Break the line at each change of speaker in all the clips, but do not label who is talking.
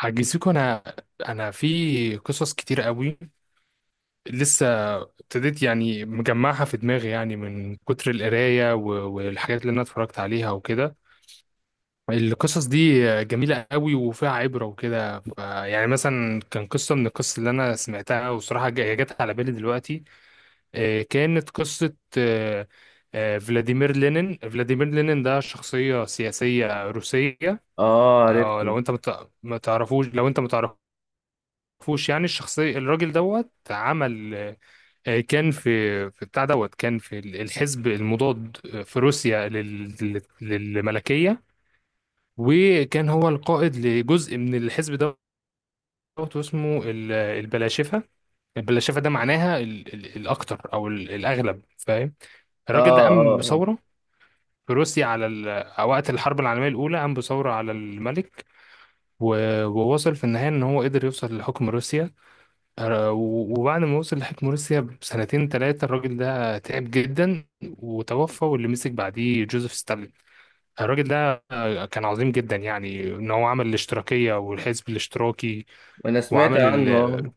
عجزيكوا. انا في قصص كتير قوي. لسه ابتديت يعني مجمعها في دماغي، يعني من كتر القرايه والحاجات اللي انا اتفرجت عليها وكده. القصص دي جميله قوي وفيها عبره وكده. يعني مثلا كان قصه من القصص اللي انا سمعتها، وصراحه جت على بالي دلوقتي. كانت قصه. فلاديمير لينين ده شخصيه سياسيه روسيه.
اه، عرفته.
لو انت ما تعرفوش، لو انت ما تعرفوش يعني الشخصية، الراجل دوت عمل. كان في بتاع دوت. كان في الحزب المضاد في روسيا للملكية. وكان هو القائد لجزء من الحزب دوت، واسمه البلاشفة. البلاشفة ده معناها الأكتر أو الأغلب، فاهم؟
اه،
الراجل ده قام
اه، اه.
بثورة في روسيا على وقت الحرب العالمية الأولى، قام بثورة على الملك. ووصل في النهاية إن هو قدر يوصل لحكم روسيا. وبعد ما وصل لحكم روسيا بسنتين ثلاثة الراجل ده تعب جدا وتوفى، واللي مسك بعديه جوزيف ستالين. الراجل ده كان عظيم جدا، يعني ان هو عمل الاشتراكية والحزب الاشتراكي،
انا سمعت
وعمل
عنه آه.
ال...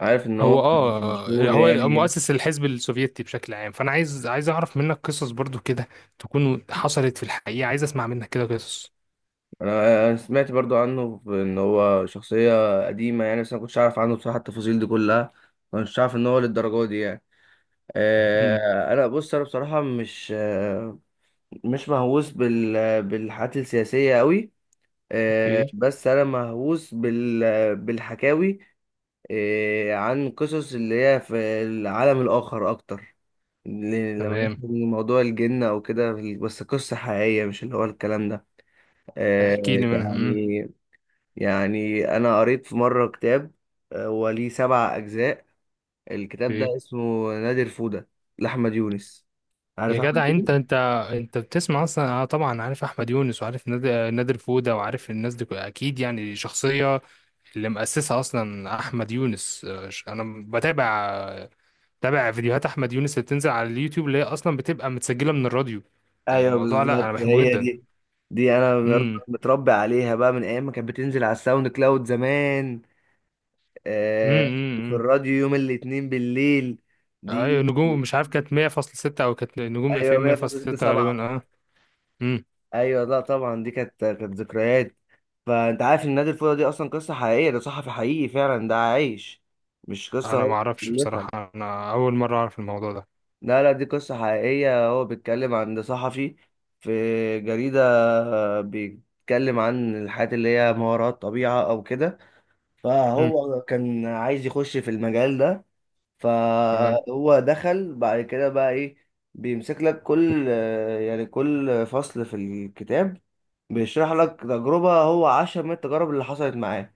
عارف ان هو
هو
كان
اه
مشهور
هو
يعني.
مؤسس الحزب السوفيتي بشكل عام. فانا عايز اعرف منك قصص برضو كده تكون حصلت في الحقيقة. عايز اسمع منك كده قصص.
أنا سمعت برضو عنه ان هو شخصية قديمة يعني، بس انا كنتش عارف عنه بصراحة التفاصيل دي كلها. ما كنتش عارف ان هو للدرجة دي يعني.
امم.
انا بصراحة مش مهووس بالحاجات السياسية قوي.
اوكي.
بس انا مهووس بالحكاوي عن قصص اللي هي في العالم الاخر اكتر. لو
تمام.
ناخد موضوع الجن او كده، بس قصة حقيقية مش اللي هو الكلام ده. آه.
احكي لي منها. امم.
يعني يعني انا قريت في مرة كتاب، هو ليه 7 اجزاء. الكتاب ده اسمه نادر فودة لاحمد يونس.
يا
عارف احمد
جدع انت،
يونس؟
انت بتسمع اصلا؟ انا طبعا عارف احمد يونس وعارف نادر فودة، وعارف الناس دي اكيد، يعني شخصية اللي مؤسسها اصلا احمد يونس. انا بتابع فيديوهات احمد يونس اللي بتنزل على اليوتيوب اللي هي اصلا بتبقى متسجلة من الراديو. يعني
ايوه،
الموضوع، لا انا
بالظبط
بحبه
هي
جدا.
دي. دي انا برضه
امم.
متربي عليها بقى من ايام ما كانت بتنزل على الساوند كلاود زمان.
امم.
آه. في
امم. امم.
الراديو يوم الاثنين بالليل
ايوه،
دي.
نجوم مش عارف كانت 100.6، او كانت نجوم اف
ايوه،
ام 100.6
100.67.
غالبا. اه. امم.
ايوه، لا طبعا، دي كانت ذكريات. فانت عارف ان نادي الفوضى دي اصلا قصه حقيقيه، ده صحفي حقيقي فعلا، ده عايش، مش قصه
انا ما
هو
اعرفش
بيألفها.
بصراحة، انا اول مرة اعرف الموضوع ده.
لا، لا، دي قصه حقيقيه. هو بيتكلم عن ده صحفي في جريده، بيتكلم عن الحاجات اللي هي ما وراء الطبيعه او كده.
امم.
فهو كان عايز يخش في المجال ده.
تمام.
فهو دخل بعد كده بقى ايه، بيمسك لك كل، يعني كل فصل في الكتاب بيشرح لك تجربة هو عاشها من التجارب اللي حصلت معاه.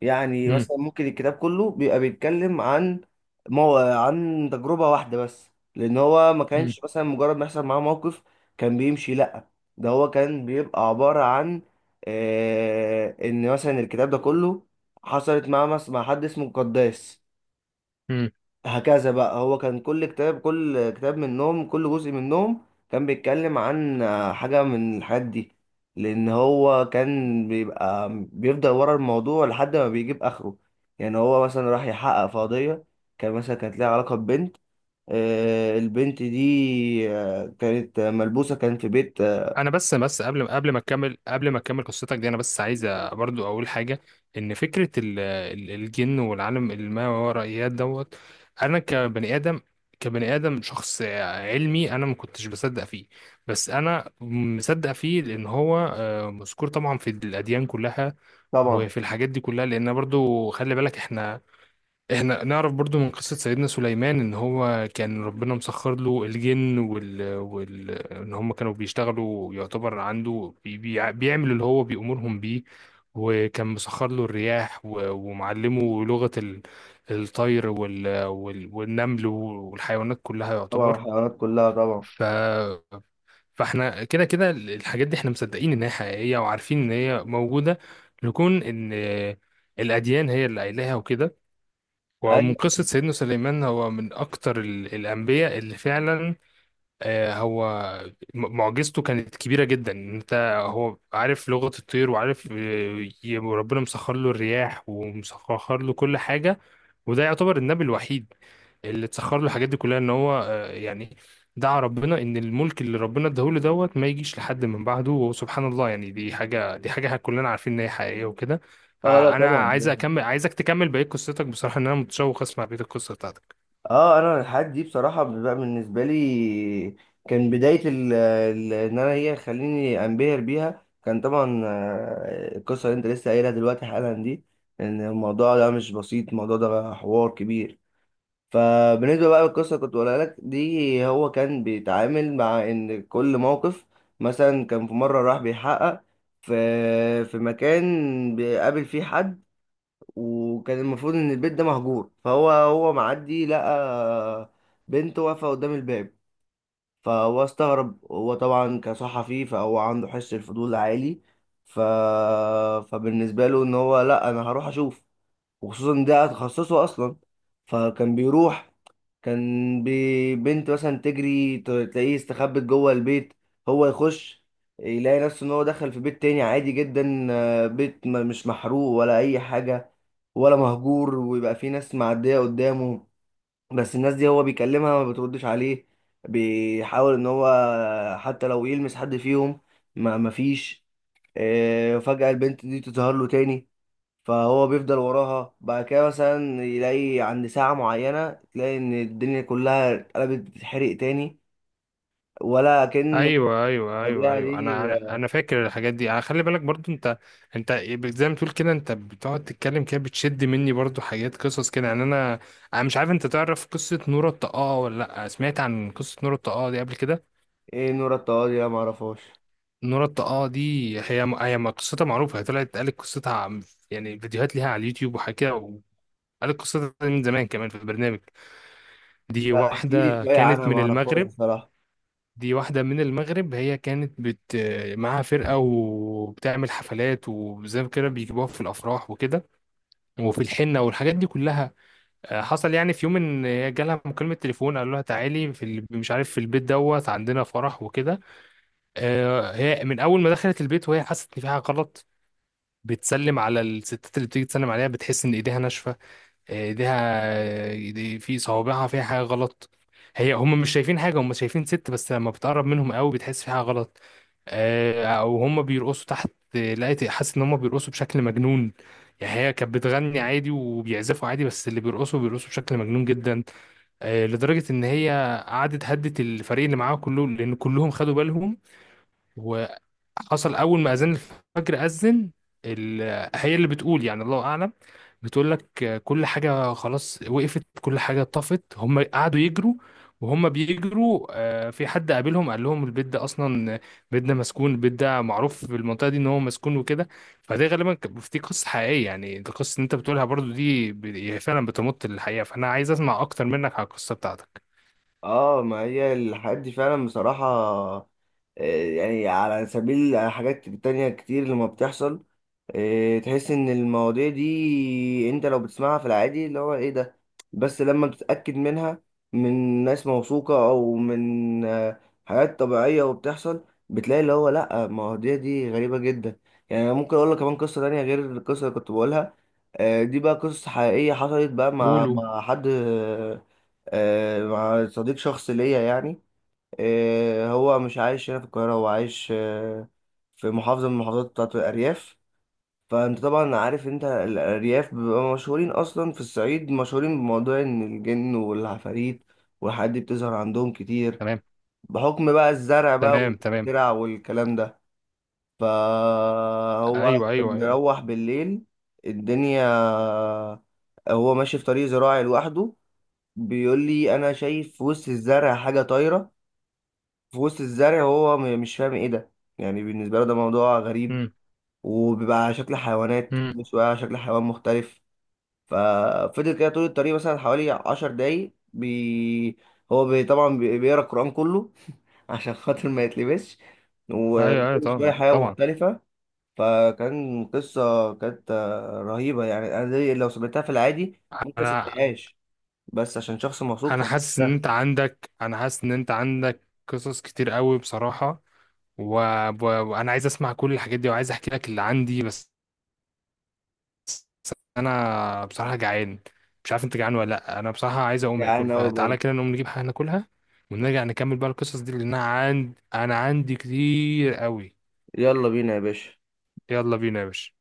يعني
امم.
مثلا ممكن الكتاب كله بيبقى بيتكلم عن عن تجربة واحدة بس، لأن هو ما
امم.
كانش مثلا مجرد ما يحصل معاه موقف كان بيمشي لأ. ده هو كان بيبقى عبارة عن إن مثلا الكتاب ده كله حصلت معاه مع حد اسمه قداس،
امم.
هكذا بقى. هو كان كل كتاب منهم، كل جزء منهم كان بيتكلم عن حاجة من الحاجات دي، لأن هو كان بيبقى بيفضل ورا الموضوع لحد ما بيجيب آخره. يعني هو مثلا راح يحقق في قضية، كان مثلا كانت ليها علاقة ببنت. البنت دي كانت ملبوسة، كان في بيت
انا بس، قبل ما تكمل قصتك دي، انا بس عايز برضو اقول حاجه. ان فكره الجن والعالم الماورائيات دوت، انا كبني ادم، كبني ادم شخص علمي، انا ما كنتش بصدق فيه. بس انا مصدق فيه لان هو مذكور طبعا في الاديان كلها
طبعا.
وفي الحاجات دي كلها. لان برضو خلي بالك احنا نعرف برضو من قصة سيدنا سليمان ان هو كان ربنا مسخر له الجن ان هم كانوا بيشتغلوا يعتبر عنده، بيعمل اللي هو بيأمرهم بيه. وكان مسخر له الرياح ومعلمه لغة الطير والنمل والحيوانات كلها
طبعا
يعتبر.
الحيوانات كلها طبعا.
ف... فاحنا كده كده الحاجات دي احنا مصدقين ان هي حقيقية وعارفين ان هي موجودة، لكون ان الأديان هي اللي قايلاها وكده. ومن
أيوة.
قصة سيدنا سليمان، هو من أكتر الأنبياء اللي فعلا هو معجزته كانت كبيرة جدا. انت، هو عارف لغة الطير وعارف، وربنا مسخر له الرياح ومسخر له كل حاجة. وده يعتبر النبي الوحيد اللي اتسخر له الحاجات دي كلها، ان هو يعني دعا ربنا ان الملك اللي ربنا اداهوله دوت ما يجيش لحد من بعده. وسبحان الله، يعني دي حاجة كلنا عارفين ان هي حقيقية وكده.
اه، لا
فانا
طبعا.
عايز اكمل، عايزك تكمل بقية قصتك، بصراحة ان انا متشوق اسمع بقية القصة بتاعتك.
اه انا الحاجات دي بصراحه بقى بالنسبه لي كان بدايه ان انا هي خليني انبهر بيها، كان طبعا القصه اللي انت لسه قايلها دلوقتي حالا دي، ان الموضوع ده مش بسيط، الموضوع ده حوار كبير. فبالنسبه بقى للقصه اللي كنت بقولها لك دي، هو كان بيتعامل مع ان كل موقف. مثلا كان في مره راح بيحقق في في مكان بيقابل فيه حد، وكان المفروض ان البيت ده مهجور، فهو معدي لقى بنت واقفه قدام الباب. فهو استغرب، هو طبعا كصحفي فهو عنده حس الفضول عالي. ف... فبالنسبه له ان هو لا، انا هروح اشوف، وخصوصا ده تخصصه اصلا. فكان بيروح، بنت مثلا تجري، تلاقيه استخبت جوه البيت، هو يخش، يلاقي نفسه ان هو دخل في بيت تاني عادي جدا، بيت مش محروق ولا اي حاجة ولا مهجور، ويبقى في ناس معدية قدامه، بس الناس دي هو بيكلمها ما بتردش عليه. بيحاول ان هو حتى لو يلمس حد فيهم ما مفيش. فجأة البنت دي تظهر له تاني. فهو بيفضل وراها بعد كده، مثلا يلاقي عند ساعة معينة تلاقي إن الدنيا كلها اتقلبت، بتتحرق تاني، ولا كأن
ايوه، ايوه، ايوه،
الطبيعة
ايوه،
دي.
انا فاكر الحاجات دي. انا خلي بالك برضو انت زي ما تقول كده، انت بتقعد تتكلم كده بتشد مني برضو حاجات قصص كده. يعني انا مش عارف، انت تعرف قصه نورة الطاقه ولا لا؟ سمعت عن قصه نورة الطاقه دي قبل كده؟
إيه نور الطوالي ده؟ معرفهاش.
نورة الطاقه دي هي قصتها معروفه. هي طلعت قالت قصتها، يعني فيديوهات ليها على اليوتيوب وحاجات كده، وقالت قصتها من زمان كمان في البرنامج. دي
لا، احكيلي
واحده
شوية
كانت
عنها،
من
معرفهاش
المغرب.
بصراحة.
دي واحدة من المغرب، هي كانت بت، معاها فرقة وبتعمل حفلات وزي كده بيجيبوها في الأفراح وكده، وفي الحنة والحاجات دي كلها. حصل يعني في يوم إن هي جالها مكالمة تليفون قالوا لها تعالي في مش عارف في البيت دوت، عندنا فرح وكده. هي من أول ما دخلت البيت وهي حست إن في حاجة غلط. بتسلم على الستات اللي بتيجي تسلم عليها، بتحس إن إيديها ناشفة، ايديها دي في صوابعها فيها حاجه غلط. هي هم مش شايفين حاجه، هم شايفين ست بس لما بتقرب منهم قوي بتحس في حاجه غلط. او هم بيرقصوا تحت، لقيت حاسس ان هم بيرقصوا بشكل مجنون. يعني هي كانت بتغني عادي وبيعزفوا عادي، بس اللي بيرقصوا بشكل مجنون جدا. لدرجه ان هي قعدت هدت الفريق اللي معاها كله لان كلهم خدوا بالهم. حصل اول ما اذان الفجر اذن ال- هي اللي بتقول، يعني الله اعلم، بتقول لك كل حاجه خلاص وقفت، كل حاجه طفت، هم قعدوا يجروا. وهم بيجروا في حد قابلهم قال لهم البيت ده اصلا، بيت ده مسكون، البيت ده معروف في المنطقه دي ان هو مسكون وكده. فده غالبا دي قصه حقيقيه. يعني القصه اللي انت بتقولها برضو دي هي فعلا بتمط للحقيقه. فانا عايز اسمع اكتر منك على القصه بتاعتك.
اه ما هي الحاجات دي فعلا بصراحة. يعني على سبيل على حاجات تانية كتير لما بتحصل، تحس ان المواضيع دي انت لو بتسمعها في العادي اللي هو ايه ده، بس لما بتتأكد منها من ناس موثوقة او من حاجات طبيعية وبتحصل بتلاقي اللي هو لا، المواضيع دي غريبة جدا. يعني أنا ممكن اقول لك كمان قصة تانية غير القصة اللي كنت بقولها. دي بقى قصة حقيقية حصلت بقى مع
قولوا.
مع حد، مع صديق شخص ليا يعني. هو مش عايش هنا في القاهرة، هو عايش في محافظة من المحافظات بتاعت الأرياف. فأنت طبعا عارف، أنت الأرياف بيبقى مشهورين أصلا، في الصعيد مشهورين بموضوع إن الجن والعفاريت والحاجات دي بتظهر عندهم كتير،
تمام،
بحكم بقى الزرع بقى،
تمام، تمام.
والزرع والكلام ده. فهو
ايوه، ايوه،
كان
ايوه.
بيروح بالليل، الدنيا، هو ماشي في طريق زراعي لوحده. بيقول لي انا شايف في وسط الزرع حاجه طايره، في وسط الزرع. هو مش فاهم ايه ده، يعني بالنسبه له ده موضوع غريب، وبيبقى على شكل حيوانات
امم.
مش على شكل حيوان مختلف. ففضل كده طول الطريق مثلا حوالي 10 دقايق، هو طبعا بيقرا القران كله عشان خاطر ما يتلبسش،
ايوه، ايوه.
وكل شويه
طبعا،
حاجه
طبعا.
مختلفه. فكان قصه كانت رهيبه يعني. انا دي لو سمعتها في العادي ممكن ما
انا
صدقهاش، بس عشان شخص موثوق
انا
في
حاسس ان
ده.
انت عندك، انا حاسس ان انت عندك قصص كتير قوي بصراحه. و... و... وانا عايز اسمع كل الحاجات دي وعايز احكي لك اللي عندي. بس انا بصراحه جعان، مش عارف انت جعان ولا لا؟ انا بصراحه عايز اقوم اكل،
جعان أوي
فتعالى
برضه.
كده نقوم نجيب حاجه ناكلها، ونرجع نكمل بقى القصص دي، لان انا عندي كتير قوي.
يلا بينا يا باشا.
يلا بينا يا باشا.